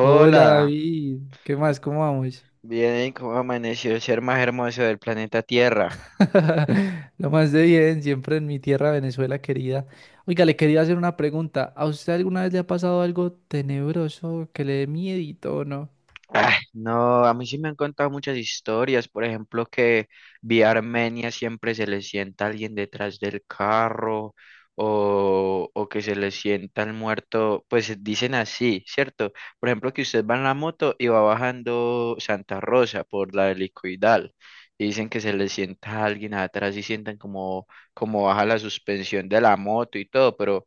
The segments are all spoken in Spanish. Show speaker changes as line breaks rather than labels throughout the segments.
Hola David, ¿qué más? ¿Cómo vamos?
bien, ¿cómo amaneció el ser más hermoso del planeta Tierra?
Lo más de bien, siempre en mi tierra Venezuela querida. Oiga, le quería hacer una pregunta. ¿A usted alguna vez le ha pasado algo tenebroso que le dé miedito o no?
Ah, no, a mí sí me han contado muchas historias, por ejemplo, que vía Armenia siempre se le sienta alguien detrás del carro o que se le sienta el muerto, pues dicen así, ¿cierto? Por ejemplo, que usted va en la moto y va bajando Santa Rosa por la helicoidal y dicen que se le sienta alguien atrás y sientan como, como baja la suspensión de la moto y todo, pero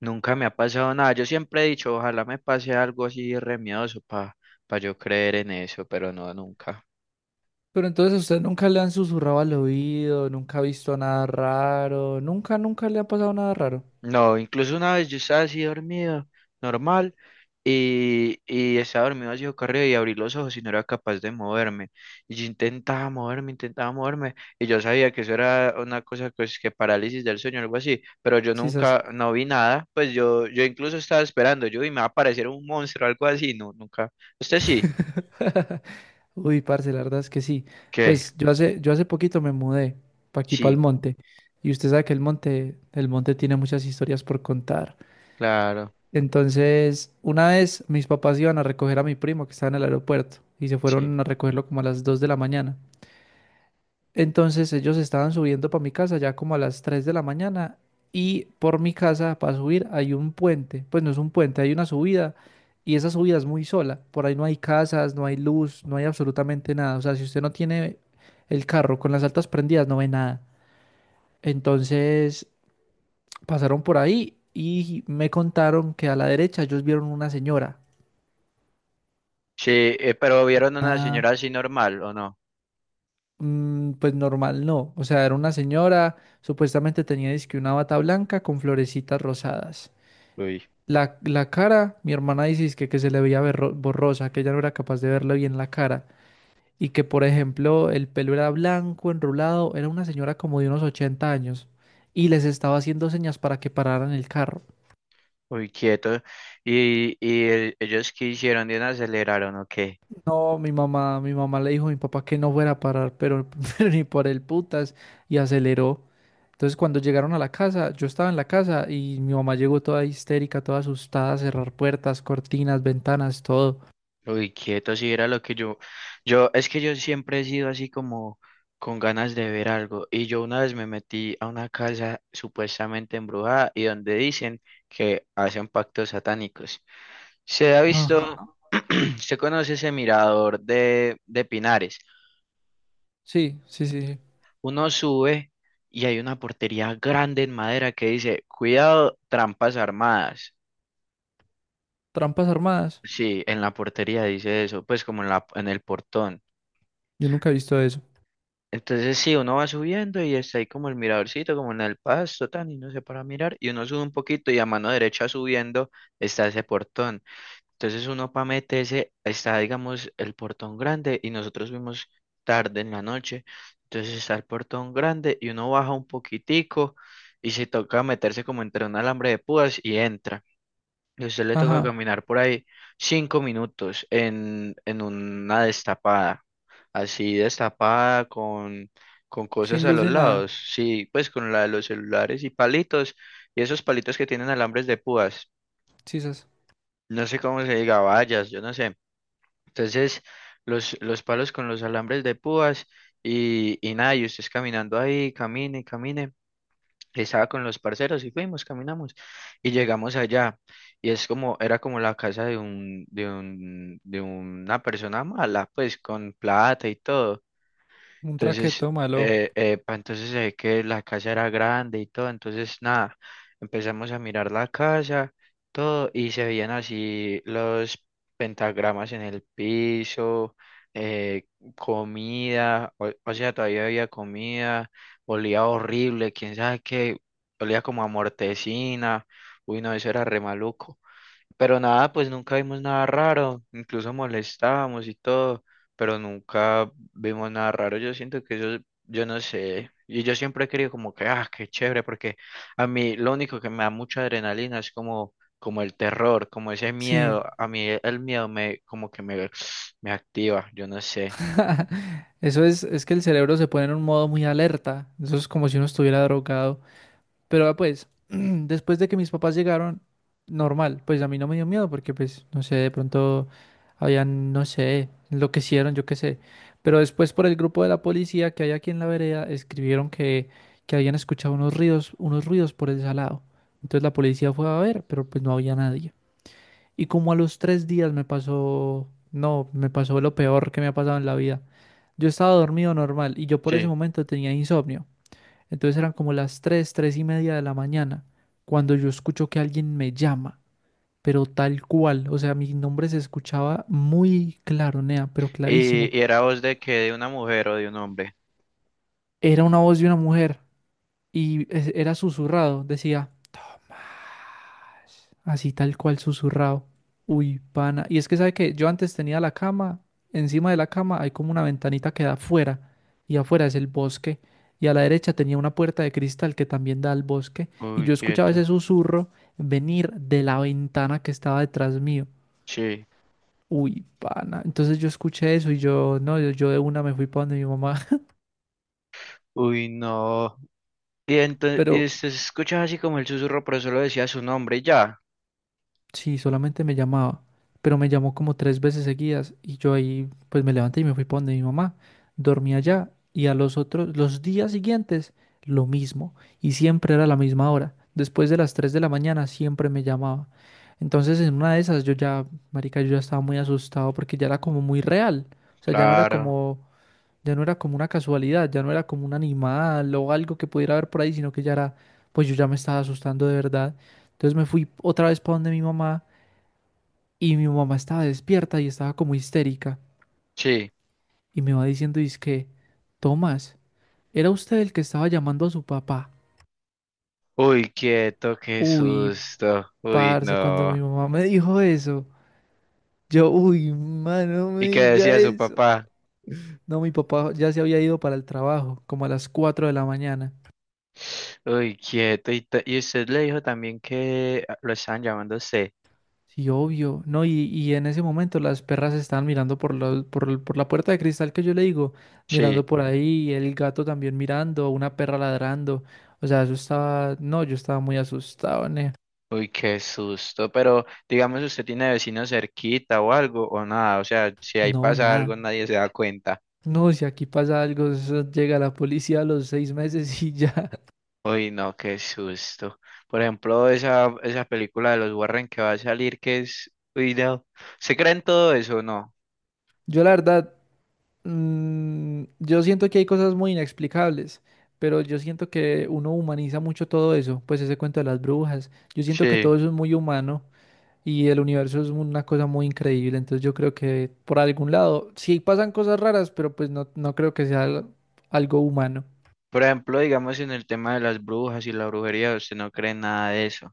nunca me ha pasado nada. Yo siempre he dicho, ojalá me pase algo así re miedoso para yo creer en eso, pero no, nunca.
Pero entonces a usted nunca le han susurrado al oído, nunca ha visto nada raro, nunca, nunca le ha pasado nada raro.
No, incluso una vez yo estaba así dormido, normal, y estaba dormido así corrido y abrí los ojos y no era capaz de moverme. Y yo intentaba moverme, y yo sabía que eso era una cosa pues, que parálisis del sueño algo así, pero yo
Sí, sas.
nunca, no vi nada, pues yo incluso estaba esperando, yo y me va a aparecer un monstruo algo así, no, nunca. ¿Usted sí?
Uy, parce, la verdad es que sí.
¿Qué?
Pues yo hace poquito me mudé para aquí, para el
Sí,
monte. Y usted sabe que el monte tiene muchas historias por contar.
claro.
Entonces, una vez mis papás iban a recoger a mi primo que estaba en el aeropuerto y se
Sí,
fueron a recogerlo como a las 2 de la mañana. Entonces, ellos estaban subiendo para mi casa ya como a las 3 de la mañana y por mi casa para subir hay un puente. Pues no es un puente, hay una subida y esa subida es muy sola. Por ahí no hay casas, no hay luz, no hay absolutamente nada. O sea, si usted no tiene el carro con las altas prendidas, no ve nada. Entonces, pasaron por ahí y me contaron que a la derecha ellos vieron una señora.
sí, pero vieron una
Ah,
señora así normal, ¿o no?
pues normal no. O sea, era una señora, supuestamente tenía dizque una bata blanca con florecitas rosadas.
Uy,
La cara, mi hermana dice dizque que se le veía borrosa, que ella no era capaz de verle bien la cara. Y que, por ejemplo, el pelo era blanco, enrulado, era una señora como de unos 80 años. Y les estaba haciendo señas para que pararan el carro.
uy, quieto. Y ellos qué hicieron? ¿Bien aceleraron o qué?
No, mi mamá le dijo a mi papá que no fuera a parar, pero, pero ni por el putas, y aceleró. Entonces cuando llegaron a la casa, yo estaba en la casa y mi mamá llegó toda histérica, toda asustada, a cerrar puertas, cortinas, ventanas, todo.
Uy, quieto, sí, era lo que yo, es que yo siempre he sido así como con ganas de ver algo. Y yo una vez me metí a una casa supuestamente embrujada y donde dicen que hacen pactos satánicos. Se ha
Ajá.
visto, se conoce ese mirador de Pinares.
Sí, sí, sí, sí.
Uno sube y hay una portería grande en madera que dice, cuidado, trampas armadas.
Trampas armadas.
Sí, en la portería dice eso, pues como en la, en el portón.
Yo nunca he visto eso.
Entonces sí, uno va subiendo y está ahí como el miradorcito, como en el pasto, tan, y no sé para mirar, y uno sube un poquito y a mano derecha subiendo está ese portón. Entonces uno para meterse está, digamos, el portón grande y nosotros fuimos tarde en la noche. Entonces está el portón grande y uno baja un poquitico y se toca meterse como entre un alambre de púas y entra. Y a usted le toca
Ajá.
caminar por ahí cinco minutos en una destapada, así destapada con cosas
Sin
a
luz
los
ni nada.
lados. Sí, pues con la de los celulares y palitos y esos palitos que tienen alambres de púas.
Sisas.
No sé cómo se diga, vallas, yo no sé. Entonces, los palos con los alambres de púas y nada, y ustedes caminando ahí, camine, camine. Estaba con los parceros y fuimos, caminamos y llegamos allá. Y es como, era como la casa de un, de un, de una persona mala, pues con plata y todo.
Un
Entonces,
traqueto malo.
entonces se ve que la casa era grande y todo. Entonces, nada, empezamos a mirar la casa, todo, y se veían así los pentagramas en el piso, eh, comida, o sea, todavía había comida, olía horrible, quién sabe qué, olía como a mortecina. Uy, no, eso era re maluco. Pero nada, pues nunca vimos nada raro, incluso molestábamos y todo, pero nunca vimos nada raro. Yo siento que yo no sé, y yo siempre he querido como que, ah, qué chévere, porque a mí lo único que me da mucha adrenalina es como, como el terror, como ese
Sí.
miedo. A mí el miedo me, como que me, me activa, yo no sé.
Es que el cerebro se pone en un modo muy alerta. Eso es como si uno estuviera drogado. Pero ah, pues, después de que mis papás llegaron, normal, pues a mí no me dio miedo porque pues, no sé, de pronto habían, no sé, enloquecieron, yo qué sé. Pero después por el grupo de la policía que hay aquí en la vereda, escribieron que habían escuchado unos ruidos por el salado. Entonces la policía fue a ver, pero pues no había nadie. Y como a los 3 días me pasó, no, me pasó lo peor que me ha pasado en la vida. Yo estaba dormido normal y yo por ese
Sí.
momento tenía insomnio. Entonces eran como las 3, 3 y media de la mañana, cuando yo escucho que alguien me llama, pero tal cual, o sea, mi nombre se escuchaba muy claro, Nea, pero clarísimo.
Y era voz de que de una mujer o de un hombre.
Era una voz de una mujer y era susurrado, decía, "Ma". Así tal cual susurrado. Uy, pana. Y es que sabe que yo antes tenía la cama, encima de la cama hay como una ventanita que da afuera, y afuera es el bosque, y a la derecha tenía una puerta de cristal que también da al bosque, y
Uy,
yo escuchaba ese
quieto.
susurro venir de la ventana que estaba detrás mío.
Sí.
Uy, pana. Entonces yo escuché eso y yo, no, yo de una me fui para donde mi mamá.
Uy, no. Y entonces
Pero
y se escuchaba así como el susurro, pero solo decía su nombre y ya.
sí, solamente me llamaba, pero me llamó como 3 veces seguidas y yo ahí pues me levanté y me fui para donde mi mamá. Dormí allá y a los otros, los días siguientes, lo mismo. Y siempre era la misma hora. Después de las 3 de la mañana siempre me llamaba. Entonces en una de esas yo ya, marica, yo ya estaba muy asustado porque ya era como muy real. O sea, ya no era
Claro,
como, ya no era como una casualidad, ya no era como un animal o algo que pudiera haber por ahí, sino que ya era, pues yo ya me estaba asustando de verdad. Entonces me fui otra vez para donde mi mamá. Y mi mamá estaba despierta y estaba como histérica.
sí.
Y me va diciendo, que Tomás, ¿era usted el que estaba llamando a su papá?
Uy, quieto, qué
Uy,
susto. Uy,
parce, cuando
no.
mi mamá me dijo eso, yo, uy, mano, no me
¿Y qué
diga
decía su
eso.
papá?
No, mi papá ya se había ido para el trabajo, como a las 4 de la mañana.
Uy, quieto. Y, y usted le dijo también que ah, lo estaban llamando a usted.
Sí, obvio, ¿no? Y en ese momento las perras estaban mirando por, los- por, el- por la puerta de cristal que yo le digo,
Sí.
mirando por ahí, el gato también mirando, una perra ladrando. O sea, eso estaba, no, yo estaba muy asustado, ne.
Uy, qué susto. Pero digamos, usted tiene vecinos cerquita o algo o nada. O sea, si ahí
No,
pasa algo,
nada.
nadie se da cuenta.
No, si aquí pasa algo, eso llega la policía a los 6 meses y ya.
Uy, no, qué susto. Por ejemplo, esa película de los Warren que va a salir, que es... Uy, no. ¿Se creen todo eso o no?
Yo la verdad, mm, yo siento que hay cosas muy inexplicables, pero yo siento que uno humaniza mucho todo eso, pues ese cuento de las brujas. Yo siento que
Sí.
todo eso es muy humano. Y el universo es una cosa muy increíble, entonces yo creo que por algún lado, sí pasan cosas raras, pero pues no, no creo que sea algo humano.
Por ejemplo, digamos en el tema de las brujas y la brujería, usted no cree en nada de eso.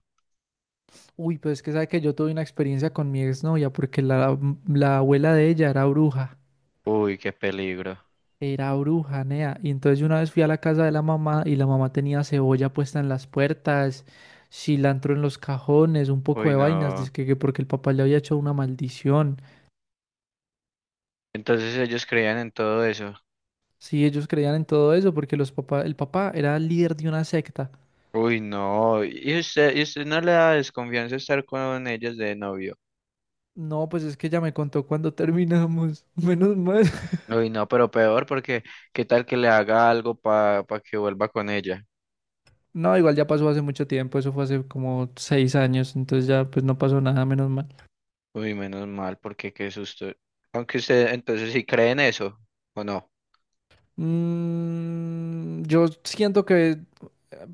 Uy, pues es que sabe que yo tuve una experiencia con mi exnovia porque la abuela de ella
Uy, qué peligro.
era bruja, nea. Y entonces yo una vez fui a la casa de la mamá y la mamá tenía cebolla puesta en las puertas, cilantro en los cajones, un poco
Uy,
de vainas,
no.
dizque que porque el papá le había hecho una maldición.
Entonces ellos creían en todo eso.
Sí, ellos creían en todo eso porque los papá, el papá era el líder de una secta.
Uy, no. Y usted no le da desconfianza estar con ellos de novio?
No, pues es que ya me contó cuando terminamos. Menos mal.
Uy, no, pero peor porque ¿qué tal que le haga algo para que vuelva con ella?
No, igual ya pasó hace mucho tiempo. Eso fue hace como 6 años. Entonces ya pues no pasó nada, menos mal.
Uy, menos mal, porque qué susto. Aunque usted entonces sí cree en eso, ¿o no?
Mm, yo siento que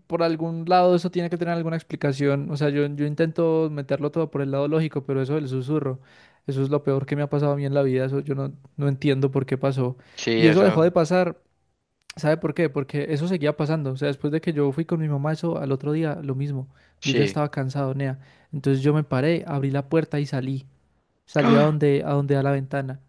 por algún lado eso tiene que tener alguna explicación. O sea, yo intento meterlo todo por el lado lógico, pero eso del susurro, eso es lo peor que me ha pasado a mí en la vida. Eso yo no, no entiendo por qué pasó.
Sí,
Y eso dejó de
eso,
pasar. ¿Sabe por qué? Porque eso seguía pasando. O sea, después de que yo fui con mi mamá, eso al otro día, lo mismo. Yo ya
sí.
estaba cansado, nea. Entonces yo me paré, abrí la puerta y salí. Salí
¡Ah!
a donde da la ventana.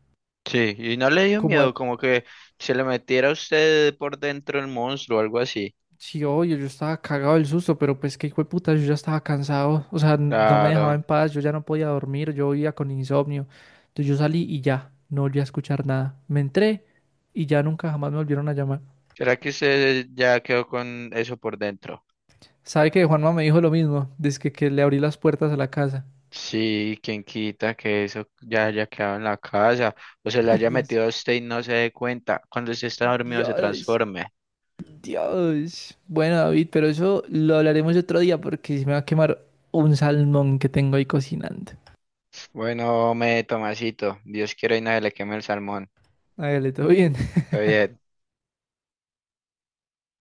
Sí, y no le dio
Como a...
miedo, como que se le metiera a usted por dentro el monstruo o algo así.
Sí, obvio, yo estaba cagado del susto, pero pues qué hijo de puta, yo ya estaba cansado. O sea, no me dejaba
Claro.
en paz, yo ya no podía dormir, yo vivía con insomnio. Entonces yo salí y ya, no volví a escuchar nada. Me entré y ya nunca jamás me volvieron a llamar.
¿Será que usted ya quedó con eso por dentro?
¿Sabe que Juanma me dijo lo mismo? Desde que le abrí las puertas a la casa.
Sí, quien quita que eso ya haya quedado en la casa o se le haya
Dios.
metido a usted y no se dé cuenta. Cuando usted está dormido se
Dios.
transforme.
Dios. Bueno, David, pero eso lo hablaremos otro día porque se me va a quemar un salmón que tengo ahí cocinando.
Bueno, me Tomasito, Dios quiera y nadie le queme el salmón.
Hágale, todo bien.
Está bien.